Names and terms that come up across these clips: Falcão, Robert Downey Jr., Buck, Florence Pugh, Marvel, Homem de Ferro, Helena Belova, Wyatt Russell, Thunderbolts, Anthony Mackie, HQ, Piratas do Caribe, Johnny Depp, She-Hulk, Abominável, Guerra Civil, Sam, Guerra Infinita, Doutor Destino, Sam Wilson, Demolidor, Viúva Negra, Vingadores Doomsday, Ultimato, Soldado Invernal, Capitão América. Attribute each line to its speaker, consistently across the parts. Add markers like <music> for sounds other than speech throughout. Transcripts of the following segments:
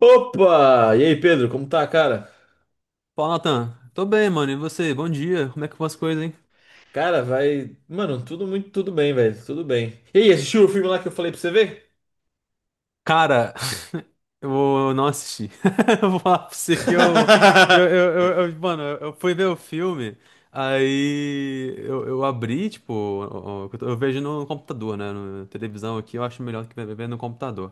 Speaker 1: Opa! E aí, Pedro, como tá, cara?
Speaker 2: Fala, Natan. Tô bem, mano. E você? Bom dia. Como é que vão as coisas, hein?
Speaker 1: Cara, vai. Mano, tudo muito, tudo bem, velho. Tudo bem. E aí, assistiu o filme lá que eu falei pra você ver?
Speaker 2: Cara, eu vou não assistir. <laughs> Eu vou falar pra você que eu- mano, eu fui ver o filme, aí eu abri, tipo, eu vejo no computador, né? Na televisão aqui, eu acho melhor do que ver no computador.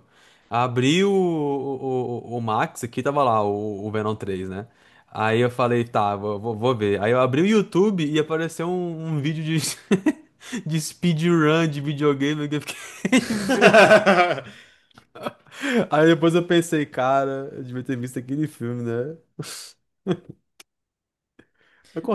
Speaker 2: Abri o Max aqui, tava lá, o Venom três, né? Aí eu falei, tá, vou ver. Aí eu abri o YouTube e apareceu um vídeo de, <laughs> de speedrun de videogame que eu fiquei. <laughs>
Speaker 1: <laughs>
Speaker 2: Aí depois eu pensei, cara, eu devia ter visto aquele filme, né?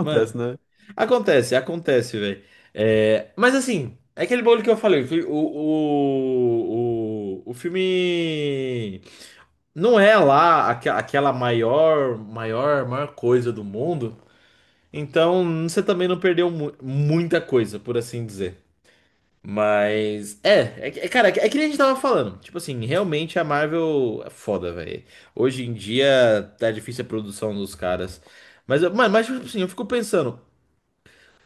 Speaker 1: Mano,
Speaker 2: né?
Speaker 1: acontece, acontece, velho. Mas assim, é aquele bolo que eu falei. O, fi- o filme não é lá aquela maior coisa do mundo. Então, você também não perdeu muita coisa, por assim dizer. Mas. Que é que nem a gente tava falando. Tipo assim, realmente a Marvel é foda, velho. Hoje em dia tá difícil a produção dos caras. Mano, mas tipo assim, eu fico pensando.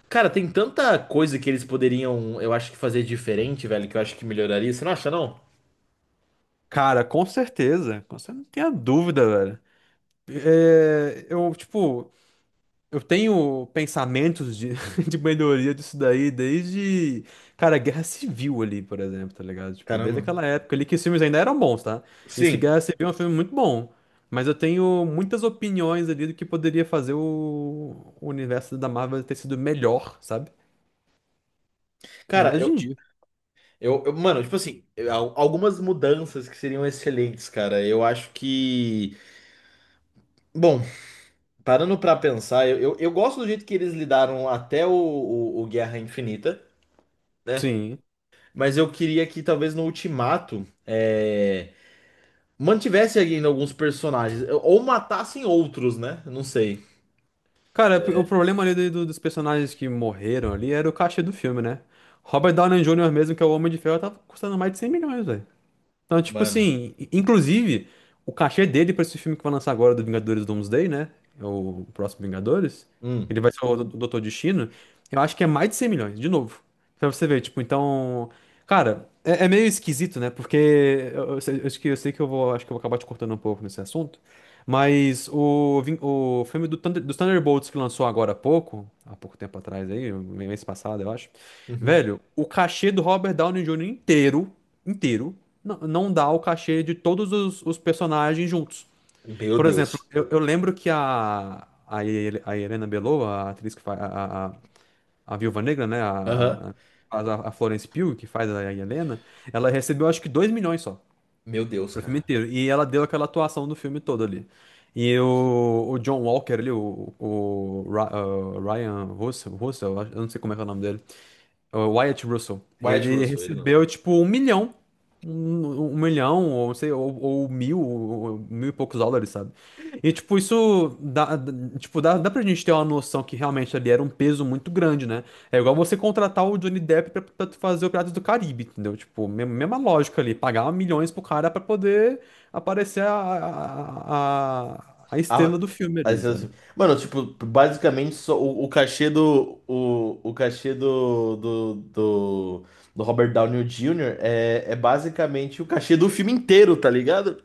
Speaker 1: Cara, tem tanta coisa que eles poderiam, eu acho que fazer diferente, velho, que eu acho que melhoraria. Você não acha, não?
Speaker 2: Cara, com certeza. Não tem a dúvida, velho. É, eu tenho pensamentos de, <laughs> de melhoria disso daí desde, cara, Guerra Civil ali, por exemplo, tá ligado? Tipo, desde
Speaker 1: Caramba.
Speaker 2: aquela época ali que os filmes ainda eram bons, tá? Isso
Speaker 1: Sim.
Speaker 2: que Guerra Civil é um filme muito bom. Mas eu tenho muitas opiniões ali do que poderia fazer o universo da Marvel ter sido melhor, sabe? Ainda
Speaker 1: Cara,
Speaker 2: mais hoje em dia.
Speaker 1: eu- Mano, tipo assim, algumas mudanças que seriam excelentes, cara. Eu acho que. Bom, parando pra pensar, eu gosto do jeito que eles lidaram até o Guerra Infinita, né?
Speaker 2: Sim.
Speaker 1: Mas eu queria que talvez no Ultimato mantivesse ainda alguns personagens, ou matassem outros, né? Não sei.
Speaker 2: Cara, o problema ali dos personagens que morreram ali era o cachê do filme, né? Robert Downey Jr. mesmo, que é o Homem de Ferro, tava custando mais de 100 milhões, então, tipo
Speaker 1: Mano.
Speaker 2: assim, inclusive, o cachê dele pra esse filme que vai lançar agora do Vingadores Doomsday, né? É o próximo Vingadores. Ele
Speaker 1: Hum.
Speaker 2: vai ser o Doutor Destino. Eu acho que é mais de 100 milhões, de novo. Pra você ver, tipo, então. Cara, é, é meio esquisito, né? Porque eu sei, eu acho que eu sei que eu vou, acho que eu vou acabar te cortando um pouco nesse assunto. Mas o, o filme do dos Thunderbolts que lançou agora há pouco tempo atrás aí, mês passado, eu acho.
Speaker 1: Uhum.
Speaker 2: Velho, o cachê do Robert Downey Jr. inteiro, inteiro. Não dá o cachê de todos os personagens juntos.
Speaker 1: Meu
Speaker 2: Por exemplo,
Speaker 1: Deus.
Speaker 2: eu lembro que a Helena Belova, a atriz que faz a Viúva Negra, né?
Speaker 1: Aham.
Speaker 2: Faz a Florence Pugh, que faz a Helena, ela recebeu acho que 2 milhões só
Speaker 1: Meu Deus,
Speaker 2: pro filme
Speaker 1: cara.
Speaker 2: inteiro. E ela deu aquela atuação do filme todo ali. E o John Walker ali, Ryan Russell, Russell, eu não sei como é que é o nome dele. É o Wyatt Russell.
Speaker 1: Wyatt
Speaker 2: Ele
Speaker 1: Russell, ele não.
Speaker 2: recebeu, tipo, um milhão. Um milhão, ou não sei, ou mil, mil e poucos dólares, sabe? E, tipo, isso tipo, dá pra gente ter uma noção que realmente ali era um peso muito grande, né? É igual você contratar o Johnny Depp pra, pra tu fazer o Piratas do Caribe, entendeu? Tipo, mesma lógica ali, pagar milhões pro cara pra poder aparecer a estrela
Speaker 1: Ah,
Speaker 2: do filme
Speaker 1: aí
Speaker 2: ali,
Speaker 1: você
Speaker 2: sabe?
Speaker 1: assim, mano, tipo, basicamente só o cachê do Robert Downey Jr. É basicamente o cachê do filme inteiro, tá ligado?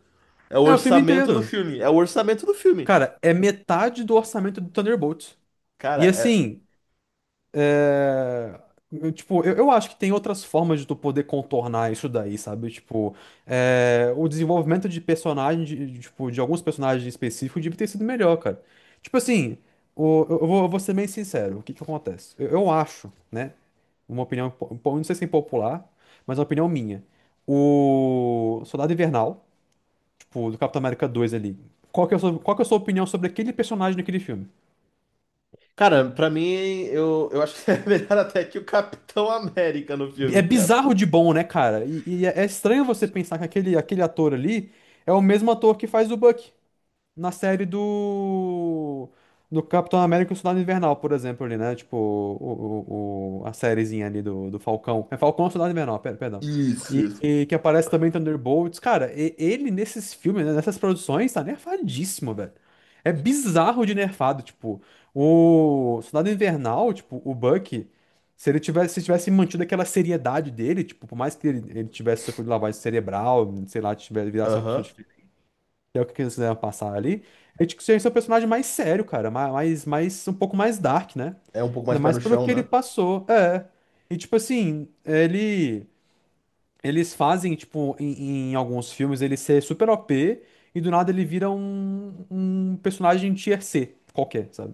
Speaker 1: É o
Speaker 2: É o filme
Speaker 1: orçamento
Speaker 2: inteiro.
Speaker 1: do filme, é o orçamento do filme.
Speaker 2: Cara, é metade do orçamento do Thunderbolts.
Speaker 1: Cara,
Speaker 2: E
Speaker 1: é,
Speaker 2: assim, é, eu, tipo, eu acho que tem outras formas de tu poder contornar isso daí, sabe? Tipo, é, o desenvolvimento de personagem, de alguns personagens específicos devia ter sido melhor, cara. Tipo assim, eu vou ser bem sincero, o que que acontece? Eu acho, né? Uma opinião, não sei se é popular, mas é uma opinião minha. O Soldado Invernal, tipo, do Capitão América 2 ali. Qual que é a sua, qual que é a sua opinião sobre aquele personagem naquele filme?
Speaker 1: Cara, pra mim eu acho que é <laughs> melhor até que o Capitão América no
Speaker 2: É
Speaker 1: filme, cara.
Speaker 2: bizarro de bom, né, cara? E, é estranho você pensar que aquele, aquele ator ali é o mesmo ator que faz o Buck na série do Capitão América e o Soldado Invernal, por exemplo, ali, né? Tipo, a sériezinha ali do Falcão. É Falcão ou Soldado Invernal, perdão.
Speaker 1: Isso, isso.
Speaker 2: E que aparece também em Thunderbolts. Cara, ele nesses filmes, né, nessas produções, tá nerfadíssimo, velho. É bizarro de nerfado, tipo, o Soldado Invernal, tipo, o Bucky, se ele tivesse, se tivesse mantido aquela seriedade dele, tipo, por mais que ele tivesse sofrido lavagem cerebral, sei lá, tivesse, virasse uma pessoa
Speaker 1: Aham.
Speaker 2: que é o que eles quiseram passar ali, é de que ser um personagem mais sério, cara, mais, um pouco mais dark, né?
Speaker 1: É um pouco mais
Speaker 2: Ainda
Speaker 1: pé
Speaker 2: mais
Speaker 1: no
Speaker 2: pelo
Speaker 1: chão,
Speaker 2: que ele
Speaker 1: né?
Speaker 2: passou. É. E tipo assim, ele. Eles fazem, tipo, em alguns filmes ele ser super OP e do nada ele vira um personagem tier C qualquer, sabe?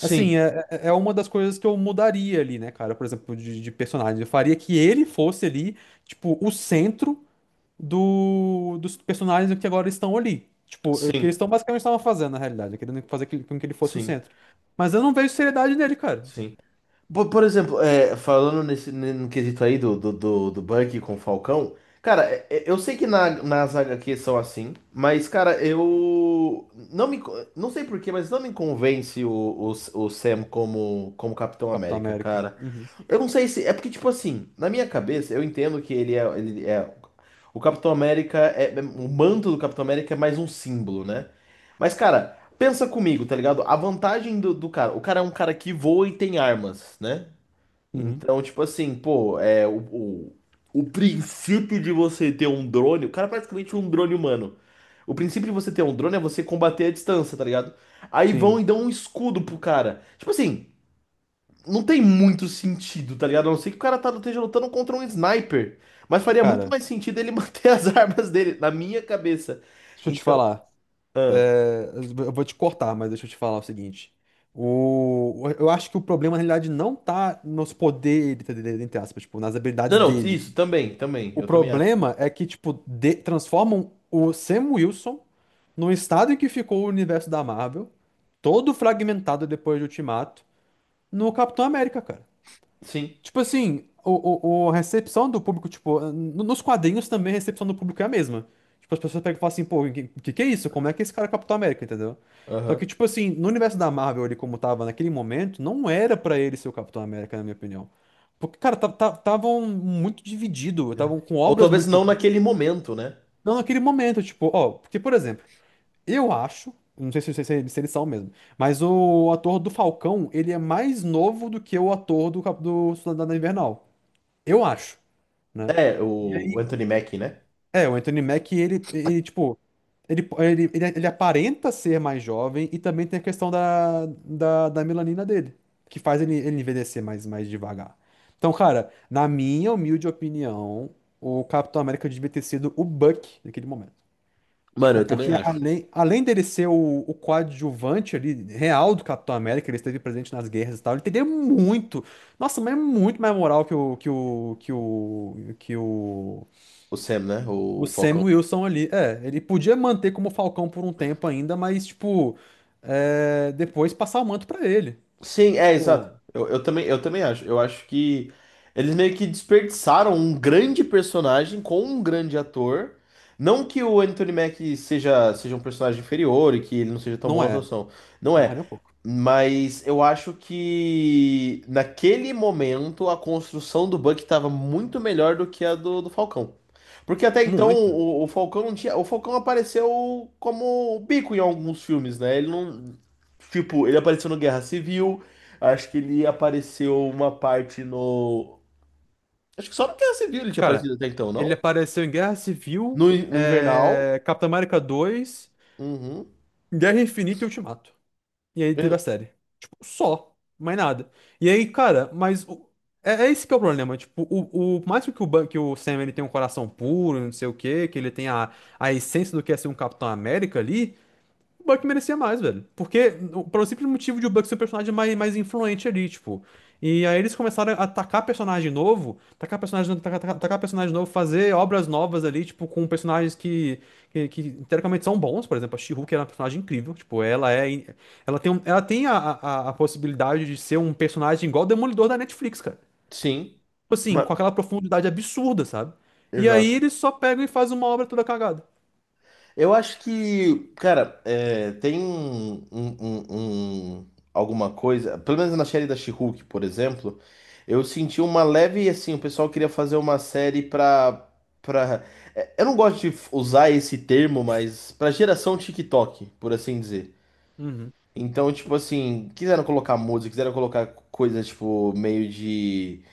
Speaker 2: Assim, é, uma das coisas que eu mudaria ali, né, cara? Por exemplo, de personagem. Eu faria que ele fosse ali, tipo, o centro dos personagens que agora estão ali. Tipo, o que
Speaker 1: sim,
Speaker 2: eles estão basicamente estavam fazendo, na realidade, querendo fazer com que ele fosse o
Speaker 1: sim,
Speaker 2: centro. Mas eu não vejo seriedade nele, cara.
Speaker 1: sim. Por exemplo, é, falando nesse no quesito aí do Bucky com o Falcão, cara, eu sei que na, nas HQs são assim, mas, cara, eu não me, co- não sei por quê, mas não me convence o Sam como, como Capitão
Speaker 2: Capitão
Speaker 1: América,
Speaker 2: América.
Speaker 1: cara.
Speaker 2: Uhum.
Speaker 1: Eu não sei se. É porque, tipo assim, na minha cabeça, eu entendo que ele é. Ele é o Capitão América o manto do Capitão América é mais um símbolo, né? Mas, cara. Pensa comigo, tá ligado? A vantagem do cara. O cara é um cara que voa e tem armas, né?
Speaker 2: Uhum.
Speaker 1: Então, tipo assim, pô, é o, o princípio de você ter um drone. O cara é praticamente um drone humano. O princípio de você ter um drone é você combater à distância, tá ligado? Aí vão
Speaker 2: Sim.
Speaker 1: e dão um escudo pro cara. Tipo assim, não tem muito sentido, tá ligado? A não ser que o cara tá, esteja lutando contra um sniper. Mas faria muito
Speaker 2: Cara,
Speaker 1: mais sentido ele manter as <laughs> armas dele, na minha cabeça.
Speaker 2: deixa eu te
Speaker 1: Então.
Speaker 2: falar.
Speaker 1: Ah.
Speaker 2: É, eu vou te cortar, mas deixa eu te falar o seguinte. O, eu acho que o problema, na realidade, não tá nos poderes, entre aspas, tipo, nas habilidades
Speaker 1: Não, não,
Speaker 2: dele.
Speaker 1: isso também, também.
Speaker 2: O
Speaker 1: Eu também acho.
Speaker 2: problema é que, tipo, transformam o Sam Wilson no estado em que ficou o universo da Marvel, todo fragmentado depois de Ultimato, no Capitão América, cara.
Speaker 1: Sim.
Speaker 2: Tipo assim, a recepção do público, tipo, nos quadrinhos também a recepção do público é a mesma. Tipo, as pessoas pegam e falam assim, pô, o que, que é isso? Como é que esse cara é Capitão América, entendeu? Só que,
Speaker 1: Aham.
Speaker 2: tipo assim, no universo da Marvel, ele como tava naquele momento, não era pra ele ser o Capitão América, na minha opinião. Porque, cara, estavam muito dividido, estavam com
Speaker 1: Ou
Speaker 2: obras
Speaker 1: talvez
Speaker 2: muito.
Speaker 1: não naquele momento, né?
Speaker 2: Não, naquele momento, tipo, ó, porque, por exemplo, eu acho, não sei se eles são mesmo, mas o ator do Falcão, ele é mais novo do que o ator do, do Soldado Invernal. Eu acho, né?
Speaker 1: É, o Anthony Mackie, né?
Speaker 2: É, o Anthony Mack, ele tipo, ele aparenta ser mais jovem e também tem a questão da melanina dele, que faz ele envelhecer mais, mais devagar. Então, cara, na minha humilde opinião, o Capitão América devia ter sido o Buck naquele momento.
Speaker 1: Mano,
Speaker 2: Tipo,
Speaker 1: eu também
Speaker 2: porque
Speaker 1: acho.
Speaker 2: além, além dele ser o coadjuvante ali, real do Capitão América, ele esteve presente nas guerras e tal, ele teria muito, nossa, mas é muito mais moral
Speaker 1: O Sam, né?
Speaker 2: o
Speaker 1: O Falcão.
Speaker 2: Sam Wilson ali. É, ele podia manter como Falcão por um tempo ainda, mas, tipo, é, depois passar o manto pra ele.
Speaker 1: Sim, é, exato.
Speaker 2: Tipo,
Speaker 1: Eu também acho. Eu acho que eles meio que desperdiçaram um grande personagem com um grande ator. Não que o Anthony Mack seja um personagem inferior e que ele não seja tão bom
Speaker 2: não
Speaker 1: na
Speaker 2: é,
Speaker 1: atuação. Não
Speaker 2: não é
Speaker 1: é.
Speaker 2: nem um pouco.
Speaker 1: Mas eu acho que naquele momento a construção do Buck estava muito melhor do que a do Falcão. Porque até então
Speaker 2: Muito.
Speaker 1: o Falcão não tinha. O Falcão apareceu como o bico em alguns filmes, né? Ele não. Tipo, ele apareceu no Guerra Civil, acho que ele apareceu uma parte no. Acho que só no Guerra Civil ele tinha
Speaker 2: Cara,
Speaker 1: aparecido até então,
Speaker 2: ele
Speaker 1: não?
Speaker 2: apareceu em Guerra Civil,
Speaker 1: No, no Invernal.
Speaker 2: é, Capitão América dois,
Speaker 1: Uhum.
Speaker 2: Guerra Infinita e Ultimato. E aí teve
Speaker 1: Eu-
Speaker 2: a série. Tipo, só. Mais nada. E aí, cara, mas é, é esse que é o problema. Tipo, o por mais que o, que o Sam ele tem um coração puro, não sei o quê, que ele tenha a essência do que é ser um Capitão América ali, o Buck merecia mais, velho. Porque, pelo simples motivo de o Buck ser o personagem mais, mais influente ali, tipo. E aí eles começaram a atacar personagem novo, atacar personagem, atacar personagem novo, fazer obras novas ali, tipo, com personagens que teoricamente são bons. Por exemplo, a She-Hulk era uma personagem incrível. Tipo, ela é. Ela tem, ela tem a possibilidade de ser um personagem igual o Demolidor da Netflix, cara.
Speaker 1: sim.
Speaker 2: Tipo assim,
Speaker 1: Ma-
Speaker 2: com aquela profundidade absurda, sabe? E aí
Speaker 1: Exato.
Speaker 2: eles só pegam e fazem uma obra toda cagada.
Speaker 1: Eu acho que, cara, é, tem alguma coisa, pelo menos na série da She-Hulk, por exemplo, eu senti uma leve, assim, o pessoal queria fazer uma série pra, é, eu não gosto de usar esse termo, mas pra geração TikTok, por assim dizer.
Speaker 2: Uhum.
Speaker 1: Então, tipo assim, quiseram colocar música, quiseram colocar coisas, tipo, meio de,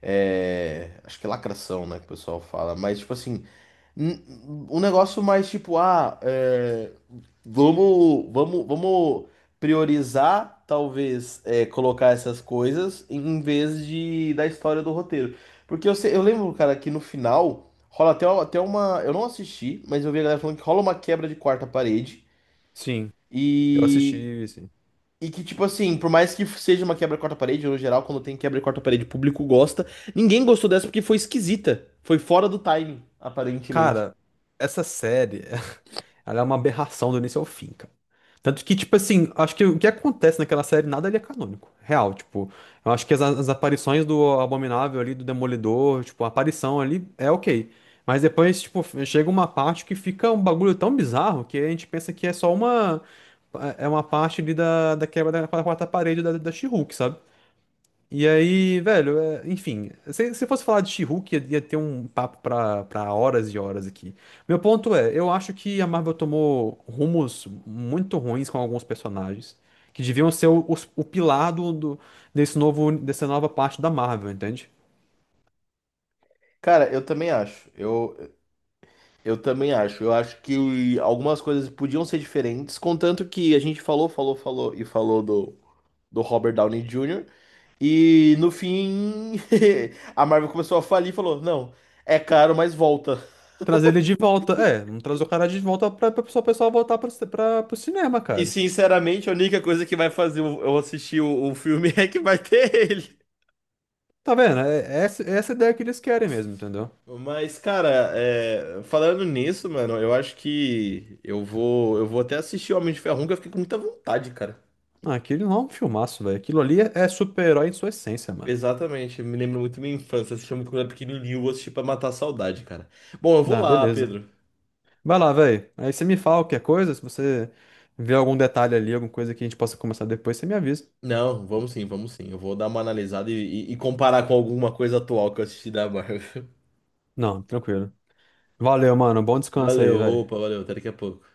Speaker 1: é, acho que é lacração, né, que o pessoal fala, mas, tipo assim, um negócio mais tipo, ah, é, vamos priorizar, talvez, é, colocar essas coisas em vez de da história do roteiro. Porque eu, eu lembro, cara, que no final rola até uma. Eu não assisti, mas eu vi a galera falando que rola uma quebra de quarta parede.
Speaker 2: Sim, eu assisti.
Speaker 1: E, e que, tipo assim, por mais que seja uma quebra de quarta parede, no geral, quando tem quebra de quarta parede, o público gosta. Ninguém gostou dessa porque foi esquisita. Foi fora do timing, aparentemente.
Speaker 2: Cara, essa série, <laughs> ela é uma aberração do início ao fim, cara. Tanto que, tipo assim, acho que o que acontece naquela série, nada ali é canônico. Real, tipo, eu acho que as aparições do Abominável ali, do Demolidor, tipo, a aparição ali é ok. Mas depois, tipo, chega uma parte que fica um bagulho tão bizarro que a gente pensa que é só uma. É uma parte ali da quebra da quarta parede da she, sabe? E aí, velho, é, enfim, se fosse falar de She-Hulk, ia ter um papo pra, pra horas e horas aqui. Meu ponto é, eu acho que a Marvel tomou rumos muito ruins com alguns personagens, que deviam ser o pilar desse novo, dessa nova parte da Marvel, entende?
Speaker 1: Cara, eu também acho. Eu também acho. Eu acho que algumas coisas podiam ser diferentes, contanto que a gente falou, falou, falou e falou do Robert Downey Jr. E no fim, <laughs> a Marvel começou a falir e falou: não, é caro, mas volta.
Speaker 2: Trazer ele de volta, é, não trazer o cara de volta pra, o pessoal voltar pro, pra, pro cinema,
Speaker 1: E
Speaker 2: cara.
Speaker 1: sinceramente, a única coisa que vai fazer eu assistir o filme <laughs> é que vai ter ele.
Speaker 2: Tá vendo? É, é essa ideia que eles querem mesmo, entendeu?
Speaker 1: Mas, cara, é, falando nisso, mano, eu acho que eu vou até assistir o Homem de Ferro 1, que eu fiquei com muita vontade, cara.
Speaker 2: Ah, aquele não é um filmaço, velho. Aquilo ali é, é super-herói em sua essência, mano.
Speaker 1: Exatamente, me lembro muito da minha infância, assistia muito quando eu era pequenininho, eu vou assistir pra matar a saudade, cara. Bom, eu vou
Speaker 2: Ah,
Speaker 1: lá,
Speaker 2: beleza.
Speaker 1: Pedro.
Speaker 2: Vai lá, velho. Aí você me fala qualquer coisa, se você vê algum detalhe ali, alguma coisa que a gente possa começar depois, você me avisa.
Speaker 1: Não, vamos sim, vamos sim. Eu vou dar uma analisada e, e comparar com alguma coisa atual que eu assisti da Marvel. <laughs>
Speaker 2: Não, tranquilo. Valeu, mano. Bom descanso
Speaker 1: Valeu,
Speaker 2: aí, velho.
Speaker 1: opa, valeu, até daqui a pouco.